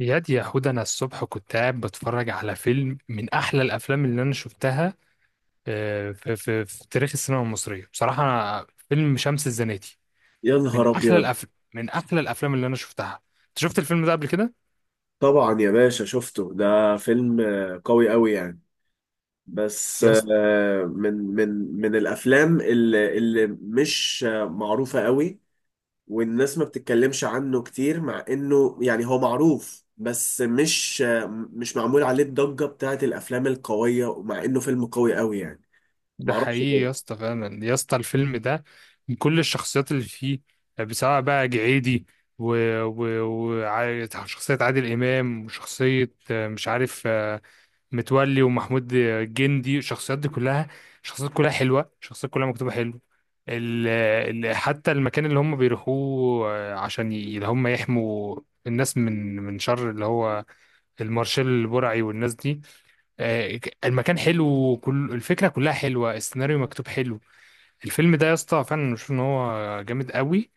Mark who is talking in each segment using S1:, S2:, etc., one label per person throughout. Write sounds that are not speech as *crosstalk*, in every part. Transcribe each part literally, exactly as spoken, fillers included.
S1: ياد يا حود انا الصبح كنت قاعد بتفرج على فيلم من احلى الافلام اللي انا شفتها. آه، في, في, في تاريخ السينما المصريه بصراحه أنا فيلم شمس الزناتي
S2: يا
S1: من
S2: نهار
S1: احلى
S2: ابيض.
S1: الافلام، من احلى الافلام اللي انا شفتها. انت شفت الفيلم ده قبل كده
S2: طبعا يا باشا، شفته، ده فيلم آه، قوي قوي يعني. بس
S1: يا اسطى؟
S2: آه، من من من الافلام اللي اللي مش آه، معروفه قوي، والناس ما بتتكلمش عنه كتير، مع انه يعني هو معروف، بس مش آه، مش معمول عليه الضجه بتاعت الافلام القويه، ومع انه فيلم قوي قوي يعني.
S1: ده
S2: معرفش
S1: حقيقي يا
S2: ليه.
S1: اسطى، فعلا يا اسطى الفيلم ده من كل الشخصيات اللي فيه. آه، سواء بقى جعيدي وشخصية و... و... وع- شخصية عادل إمام، وشخصية آه، مش عارف، آه، متولي، ومحمود جندي. الشخصيات دي كلها شخصيات كلها حلوة، شخصيات كلها مكتوبة حلو. ال ال حتى المكان اللي هم بيروحوه آه، عشان ي- اللي هم يحموا الناس من من شر اللي هو المارشال البرعي والناس دي. آه، ك- المكان حلو، وكل الفكرة كلها حلوة، السيناريو مكتوب حلو. الفيلم ده يا اسطى فعلا بشوف ان هو جامد قوي.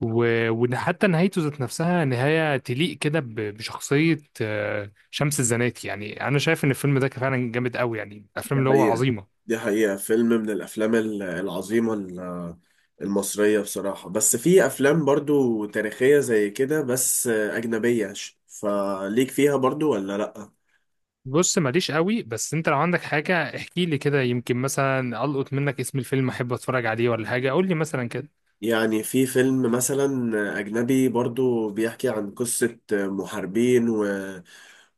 S1: و- وحتى نهايته ذات نفسها نهاية تليق كده ب- بشخصية آه، شمس الزناتي. يعني أنا شايف إن الفيلم ده كان فعلا جامد قوي، يعني الأفلام
S2: دي
S1: اللي هو
S2: حقيقه،
S1: عظيمة.
S2: دي حقيقه، فيلم من الافلام العظيمه المصرية بصراحة. بس في أفلام برضو تاريخية زي كده بس أجنبية، ش- فليك فيها برضو ولا لأ؟
S1: بص ماليش قوي، بس أنت لو عندك حاجة احكي لي كده، يمكن مثلا ألقط منك اسم الفيلم أحب أتفرج عليه ولا حاجة، قول لي مثلا كده.
S2: يعني في فيلم مثلا أجنبي برضو بيحكي عن قصة محاربين و...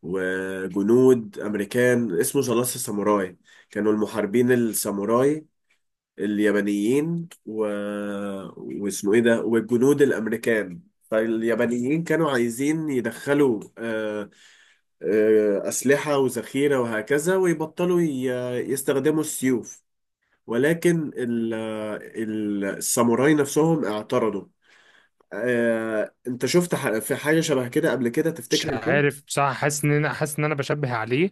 S2: وجنود أمريكان اسمه ذا لاست ساموراي. كانوا المحاربين الساموراي اليابانيين و... واسمه ايه ده، والجنود الامريكان، فاليابانيين كانوا عايزين يدخلوا آه، آه، اسلحه وذخيره وهكذا، ويبطلوا ي... يستخدموا السيوف، ولكن ال... ال- الساموراي نفسهم اعترضوا. آه، انت شفت ح- في حاجه شبه كده قبل كده
S1: مش
S2: تفتكر الفيلم؟
S1: عارف بصراحة، حاسس إن أنا، حاسس إن أنا بشبه عليه،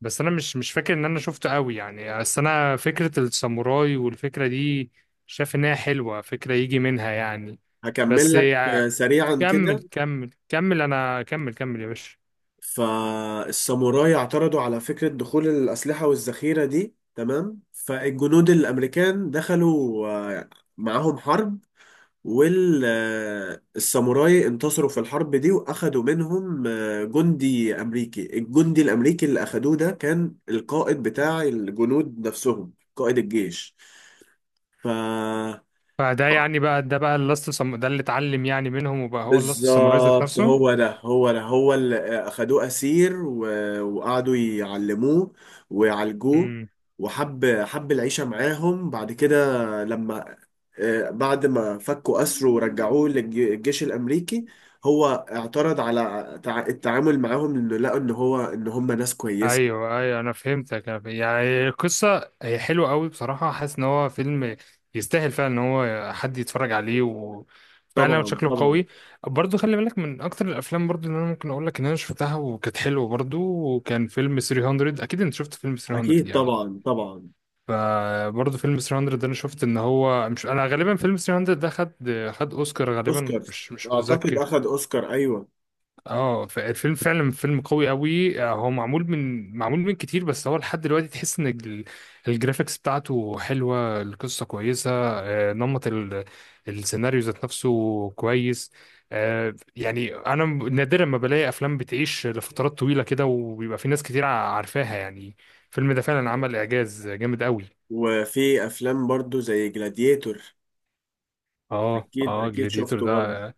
S1: بس أنا مش مش فاكر إن أنا شفته قوي يعني. بس أنا فكرة الساموراي والفكرة دي شايف إنها حلوة، فكرة يجي منها يعني.
S2: هكمل
S1: بس
S2: لك آه، سريعا كده.
S1: كمل كمل كمل انا، كمل كمل يا باشا.
S2: فالساموراي اعترضوا على فكرة دخول الأسلحة والذخيرة دي، تمام، فالجنود الأمريكان دخلوا آه، معاهم حرب، والساموراي انتصروا في الحرب دي، وأخدوا منهم آه، جندي أمريكي. الجندي الأمريكي اللي أخدوه ده كان القائد بتاع الجنود نفسهم، قائد الجيش. ف
S1: فده يعني بقى، ده بقى اللاست سم... ده اللي اتعلم يعني منهم وبقى هو اللاست ساموراي ذات
S2: بالظبط،
S1: نفسه.
S2: هو ده، هو ده، هو اللي اخدوه اسير و- وقعدوا يعلموه ويعالجوه،
S1: امم
S2: وحب حب العيشه معاهم بعد كده. لما آه، بعد ما فكوا اسره ورجعوه للجيش الامريكي، هو اعترض على تع- التعامل معاهم، انه لقوا ان هو ان هم ناس كويسه.
S1: ايوه ايوه، انا فهمتك. أنا ف- يعني القصه هي حلوه قوي بصراحه، حاسس ان هو فيلم يستاهل فعلا ان هو حد يتفرج عليه، وفعلا
S2: طبعا
S1: شكله
S2: طبعا.
S1: قوي. برضو خلي بالك من اكتر الافلام برضو اللي انا ممكن اقول لك ان انا شفتها وكانت حلوه برضو، وكان فيلم تلات ميه. اكيد انت شفت فيلم
S2: اكيد
S1: تلات ميه يعني.
S2: طبعا طبعا.
S1: فبرضه فيلم تلات ميه ده انا شفت ان هو، مش انا غالبا فيلم تلات ميه ده خد، خد اوسكار، غالبا
S2: اوسكار؟
S1: مش مش
S2: اعتقد
S1: متذكر.
S2: اخد اوسكار، ايوه.
S1: اه فالفيلم فعلا فيلم قوي قوي. آه، هو معمول من، معمول من كتير، بس هو لحد دلوقتي تحس ان ال- الجرافيكس بتاعته حلوه، القصه كويسه، آه، نمط ال- السيناريو ذات نفسه كويس. آه، يعني انا نادرا ما بلاقي افلام بتعيش لفترات طويله كده وبيبقى في ناس كتير عارفاها يعني. الفيلم ده فعلا عمل اعجاز جامد قوي.
S2: وفي افلام برضو زي جلاديتور.
S1: اه
S2: اكيد
S1: اه،
S2: اكيد
S1: جلاديتور
S2: شفته برضه.
S1: ده.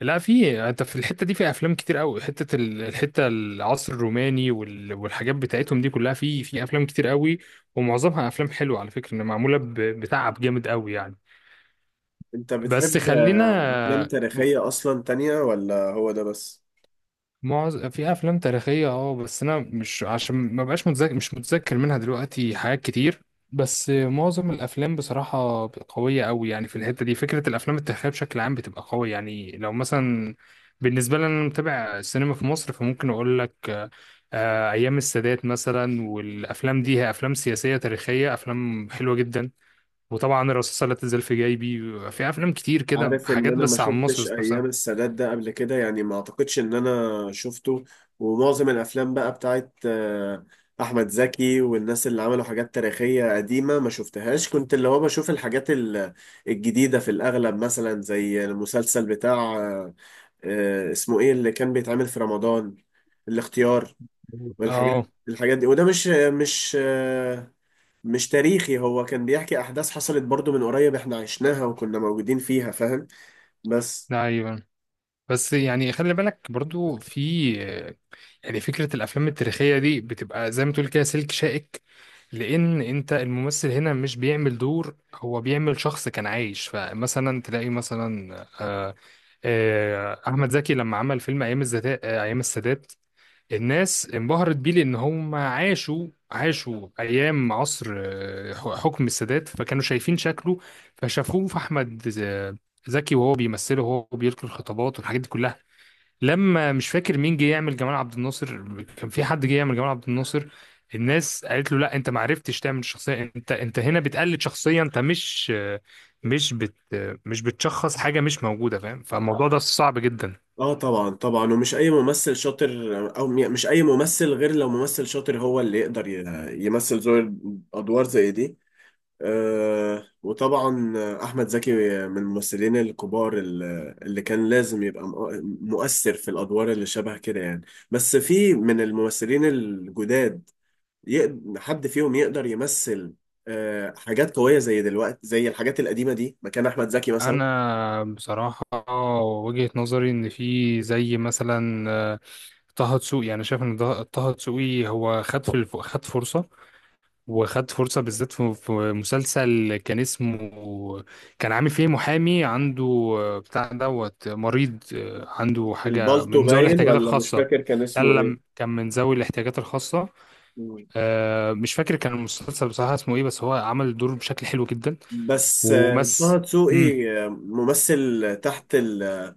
S1: لا، في انت في الحته دي في افلام كتير قوي، حته ال- الحته العصر الروماني وال- والحاجات بتاعتهم دي كلها، في في افلام كتير قوي، ومعظمها افلام حلوه على فكره، ان معموله ب- بتعب جامد قوي يعني.
S2: انت
S1: بس
S2: بتحب
S1: خلينا.
S2: افلام تاريخية اصلا تانية ولا هو ده بس؟
S1: معظم، في افلام تاريخيه اه، بس انا مش، عشان ما بقاش متذكر مش متذكر منها دلوقتي حاجات كتير. بس معظم الافلام بصراحه قويه قوي يعني في الحته دي، فكره الافلام التاريخيه بشكل عام بتبقى قويه يعني. لو مثلا بالنسبه لي انا متابع السينما في مصر، فممكن اقول لك آه، آه، ايام السادات مثلا، والافلام دي هي افلام سياسيه تاريخيه، افلام حلوه جدا. وطبعا الرصاصه لا تزال في جيبي، في افلام كتير كده
S2: عارف ان
S1: حاجات
S2: انا ما
S1: بس عن مصر
S2: شفتش
S1: ذات
S2: ايام
S1: نفسها.
S2: السادات ده قبل كده، يعني ما اعتقدش ان انا شفته. ومعظم الافلام بقى بتاعت آه، احمد زكي والناس اللي عملوا حاجات تاريخية قديمة ما شفتهاش. كنت اللي هو بشوف الحاجات ال- الجديدة في الاغلب، مثلا زي المسلسل بتاع آه، آه، اسمه ايه اللي كان بيتعمل في رمضان، الاختيار،
S1: اه
S2: والحاجات الحاجات دي، وده مش مش آه، مش تاريخي. هو كان بيحكي احداث حصلت برضو من قريب، احنا عشناها وكنا موجودين فيها، فاهم؟ بس.
S1: ايوه. بس يعني خلي بالك برضو، في يعني فكرة الأفلام التاريخية دي بتبقى زي ما تقول كده سلك شائك، لأن أنت الممثل هنا مش بيعمل دور، هو بيعمل شخص كان عايش. فمثلا تلاقي مثلا، آه، آه، أحمد زكي لما عمل فيلم أيام الزتا- آه، أيام السادات، الناس انبهرت بيه، لأن هم عاشوا، عاشوا أيام عصر آه، حكم السادات، فكانوا شايفين شكله، فشافوه في أحمد آه، زكي وهو بيمثله وهو بيلقي الخطابات والحاجات دي كلها. لما، مش فاكر مين جه يعمل جمال عبد الناصر، كان في حد جه يعمل جمال عبد الناصر، الناس قالت له لا، انت ما عرفتش تعمل شخصيه، انت انت هنا بتقلد شخصيه، انت مش مش بت مش بتشخص حاجه مش موجوده، فاهم؟ فالموضوع ده صعب جدا.
S2: اه طبعا طبعا، ومش اي ممثل شاطر، او م- مش اي ممثل، غير لو ممثل شاطر هو اللي يقدر ي- يمثل زي ادوار زي دي. آه وطبعا احمد زكي من الممثلين الكبار، ال- اللي كان لازم يبقى مؤ- مؤثر في الادوار اللي شبه كده يعني. بس في من الممثلين الجداد يقد- حد فيهم يقدر يمثل آه، حاجات قوية زي دلوقتي، زي الحاجات القديمة دي، مكان أحمد زكي مثلا؟
S1: انا بصراحه وجهه نظري ان في زي مثلا، آه، طه دسوقي، انا شايف ان ده- طه دسوقي هو خد في الف- خد فرصه، وخدت فرصة بالذات في في مسلسل كان اسمه، كان عامل فيه محامي عنده، آه، بتاع دوت، آه، مريض، آه، عنده حاجة
S2: البالتو
S1: من ذوي
S2: باين
S1: الاحتياجات
S2: ولا مش
S1: الخاصة.
S2: فاكر كان
S1: لا
S2: اسمه
S1: لا
S2: إيه؟
S1: لا، كان من ذوي الاحتياجات الخاصة.
S2: مم.
S1: آه، مش فاكر كان المسلسل بصراحة اسمه ايه، بس هو عمل الدور بشكل حلو جدا.
S2: بس آه، طه
S1: ومس،
S2: دسوقي آه، ممثل تحت ال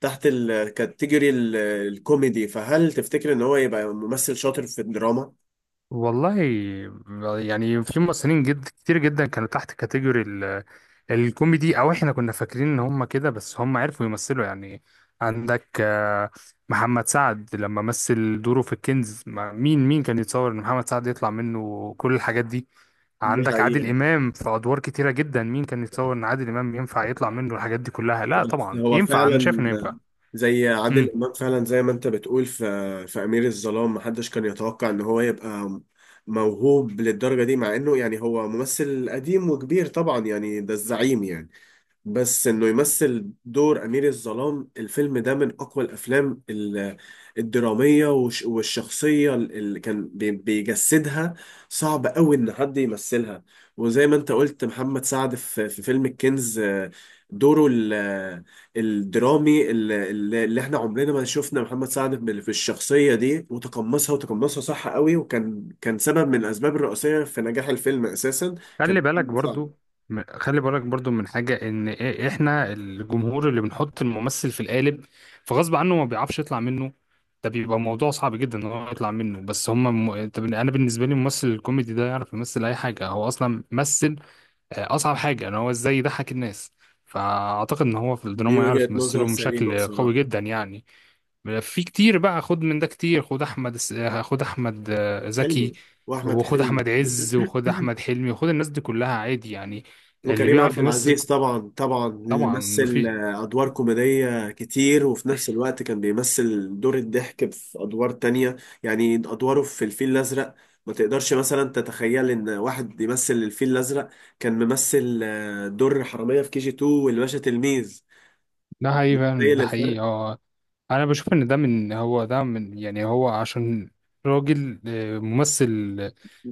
S2: تحت الكاتيجوري ال- الكوميدي، فهل تفتكر إن هو يبقى ممثل شاطر في الدراما؟
S1: والله يعني في ممثلين جد كتير جدا كانوا تحت كاتيجوري ال- الكوميدي، او احنا كنا فاكرين ان هم كده، بس هم عرفوا يمثلوا يعني. عندك آه، محمد سعد لما مثل دوره في الكنز، ما- مين مين كان يتصور ان محمد سعد يطلع منه كل الحاجات دي؟
S2: دي
S1: عندك عادل
S2: حقيقة.
S1: امام في ادوار كتيرة جدا، مين كان يتصور ان عادل امام ينفع يطلع منه الحاجات دي كلها؟ لا
S2: بس
S1: طبعا
S2: هو
S1: ينفع، انا شايف
S2: فعلا
S1: انه ينفع.
S2: زي عادل
S1: امم.
S2: امام، فعلا زي ما انت بتقول، في في امير الظلام محدش كان يتوقع ان هو يبقى موهوب للدرجه دي، مع انه يعني هو ممثل قديم وكبير طبعا، يعني ده الزعيم يعني. بس انه يمثل دور امير الظلام، الفيلم ده من اقوى الافلام ال- الدراميه، والش- والشخصيه اللي كان بي- بيجسدها صعب قوي ان حد يمثلها. وزي ما انت قلت محمد سعد في في فيلم الكنز، آه، دوره ال- آه، الدرامي ال- ال- اللي احنا عمرنا ما شفنا محمد سعد بال- في الشخصيه دي، وتقمصها وتقمصها صح قوي، وكان كان سبب من الاسباب الرئيسيه في نجاح الفيلم اساسا، كان
S1: خلي بالك
S2: محمد
S1: برضو،
S2: سعد.
S1: م- خلي بالك برضو من حاجة، ان إ- احنا الجمهور اللي بنحط الممثل في القالب، فغصب عنه ما بيعرفش يطلع منه، ده بيبقى موضوع صعب جدا ان هو يطلع منه. بس هما م... انت بن- انا بالنسبة لي الممثل الكوميدي ده يعرف يمثل اي حاجة، هو اصلا مثل آه، اصعب حاجة، ان هو ازاي يضحك الناس. فاعتقد ان هو في
S2: دي
S1: الدراما يعرف
S2: وجهة نظر
S1: يمثله
S2: سليمة
S1: بشكل قوي
S2: بصراحة.
S1: جدا يعني. في كتير بقى، خد من ده كتير، خد احمد س- خد احمد آه، زكي،
S2: حلمي واحمد
S1: وخد
S2: حلمي
S1: احمد عز، وخد
S2: *clears throat*
S1: احمد حلمي، وخد الناس دي كلها عادي يعني، اللي
S2: وكريم
S1: بيعرف
S2: عبد
S1: يمثل
S2: العزيز طبعا طبعا، اللي
S1: طبعا
S2: مثل
S1: مفيد.
S2: آه، ادوار كوميديه كتير وفي نفس الوقت كان بيمثل دور الضحك في ادوار تانية. يعني ادواره في الفيل الازرق ما تقدرش مثلا تتخيل ان واحد بيمثل الفيل الازرق كان ممثل آه، دور حراميه في كي جي اتنين والباشا تلميذ،
S1: ده حقيقي فعلا،
S2: تخيل
S1: ده حقيقي
S2: الفرق.
S1: اه. انا بشوف ان ده من، هو ده من، يعني هو عشان راجل آه، ممثل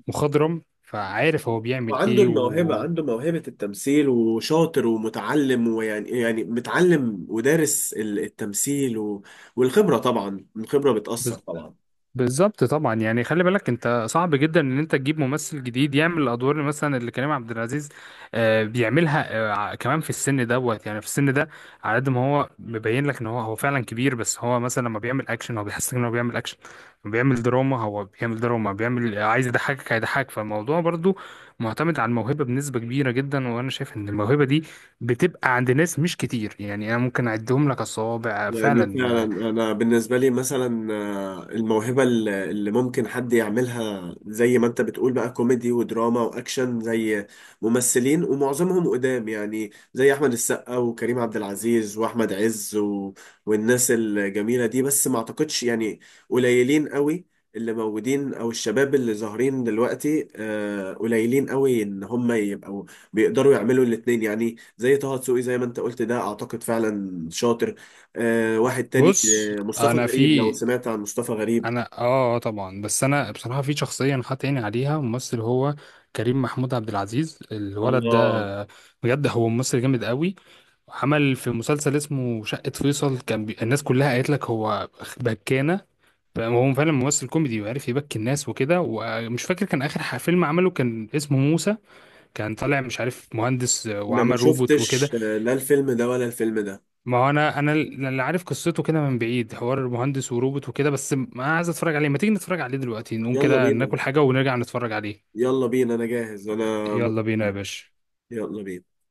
S1: مخضرم، فعارف هو بيعمل
S2: وعنده
S1: ايه.
S2: الموهبة،
S1: و
S2: عنده موهبة التمثيل وشاطر ومتعلم، ويعني يعني متعلم ودارس ال- التمثيل و... والخبرة، طبعا الخبرة بتأثر طبعا.
S1: بالظبط طبعا. يعني خلي بالك انت صعب جدا ان انت تجيب ممثل جديد يعمل الادوار اللي مثلا اللي كريم عبد العزيز آه، بيعملها، آه، ع- كمان في السن دوت، يعني في السن ده. على قد ما هو مبين لك ان هو هو فعلا كبير، بس هو مثلا لما بيعمل اكشن هو بيحسسك ان هو بيعمل اكشن، لما بيعمل دراما هو بيعمل دراما، بيعمل عايز يضحكك هيضحكك. فالموضوع برضو معتمد على الموهبة بنسبة كبيرة جدا، وانا شايف ان الموهبة دي بتبقى عند ناس مش كتير يعني، انا ممكن اعدهم لك على الصوابع
S2: يعني فعلا
S1: فعلا.
S2: انا بالنسبه لي مثلا آه، الموهبه الل- اللي ممكن حد يعملها زي ما انت بتقول بقى كوميدي ودراما واكشن، زي ممثلين ومعظمهم قدام، يعني زي احمد السقا وكريم عبد العزيز واحمد عز و... والناس الجميله دي، بس ما اعتقدش يعني. قليلين قوي اللي موجودين، او الشباب اللي ظاهرين دلوقتي آه، قليلين قوي ان هم يبقوا بيقدروا يعملوا الاتنين، يعني زي طه دسوقي زي ما انت قلت، ده اعتقد فعلا شاطر. آه واحد تاني،
S1: بص
S2: آه مصطفى
S1: انا
S2: غريب، لو
S1: في،
S2: سمعت عن مصطفى غريب.
S1: انا اه، آه طبعا. بس انا بصراحه في شخصيه انا حاطط عيني عليها ممثل، هو كريم محمود عبد العزيز الولد
S2: الله.
S1: ده، بجد هو ممثل جامد قوي. عمل في مسلسل اسمه شقه فيصل، كان بي... الناس كلها قالت لك هو بكانه، هو فعلا ممثل كوميدي وعارف يبكي الناس وكده. ومش فاكر كان اخر ح- فيلم عمله كان اسمه موسى، كان طالع مش عارف مهندس
S2: انا ما
S1: وعمل روبوت وكده.
S2: شفتش، آه لا الفيلم ده ولا الفيلم ده.
S1: ما هو انا انا اللي عارف قصته كده من بعيد، حوار المهندس وروبوت وكده، بس ما عايز اتفرج عليه. ما تيجي نتفرج عليه دلوقتي، نقوم
S2: يلا
S1: كده
S2: بينا،
S1: ناكل حاجة ونرجع نتفرج عليه.
S2: يلا بينا، انا جاهز انا
S1: يلا بينا يا
S2: متحمس.
S1: باشا.
S2: يلا بينا.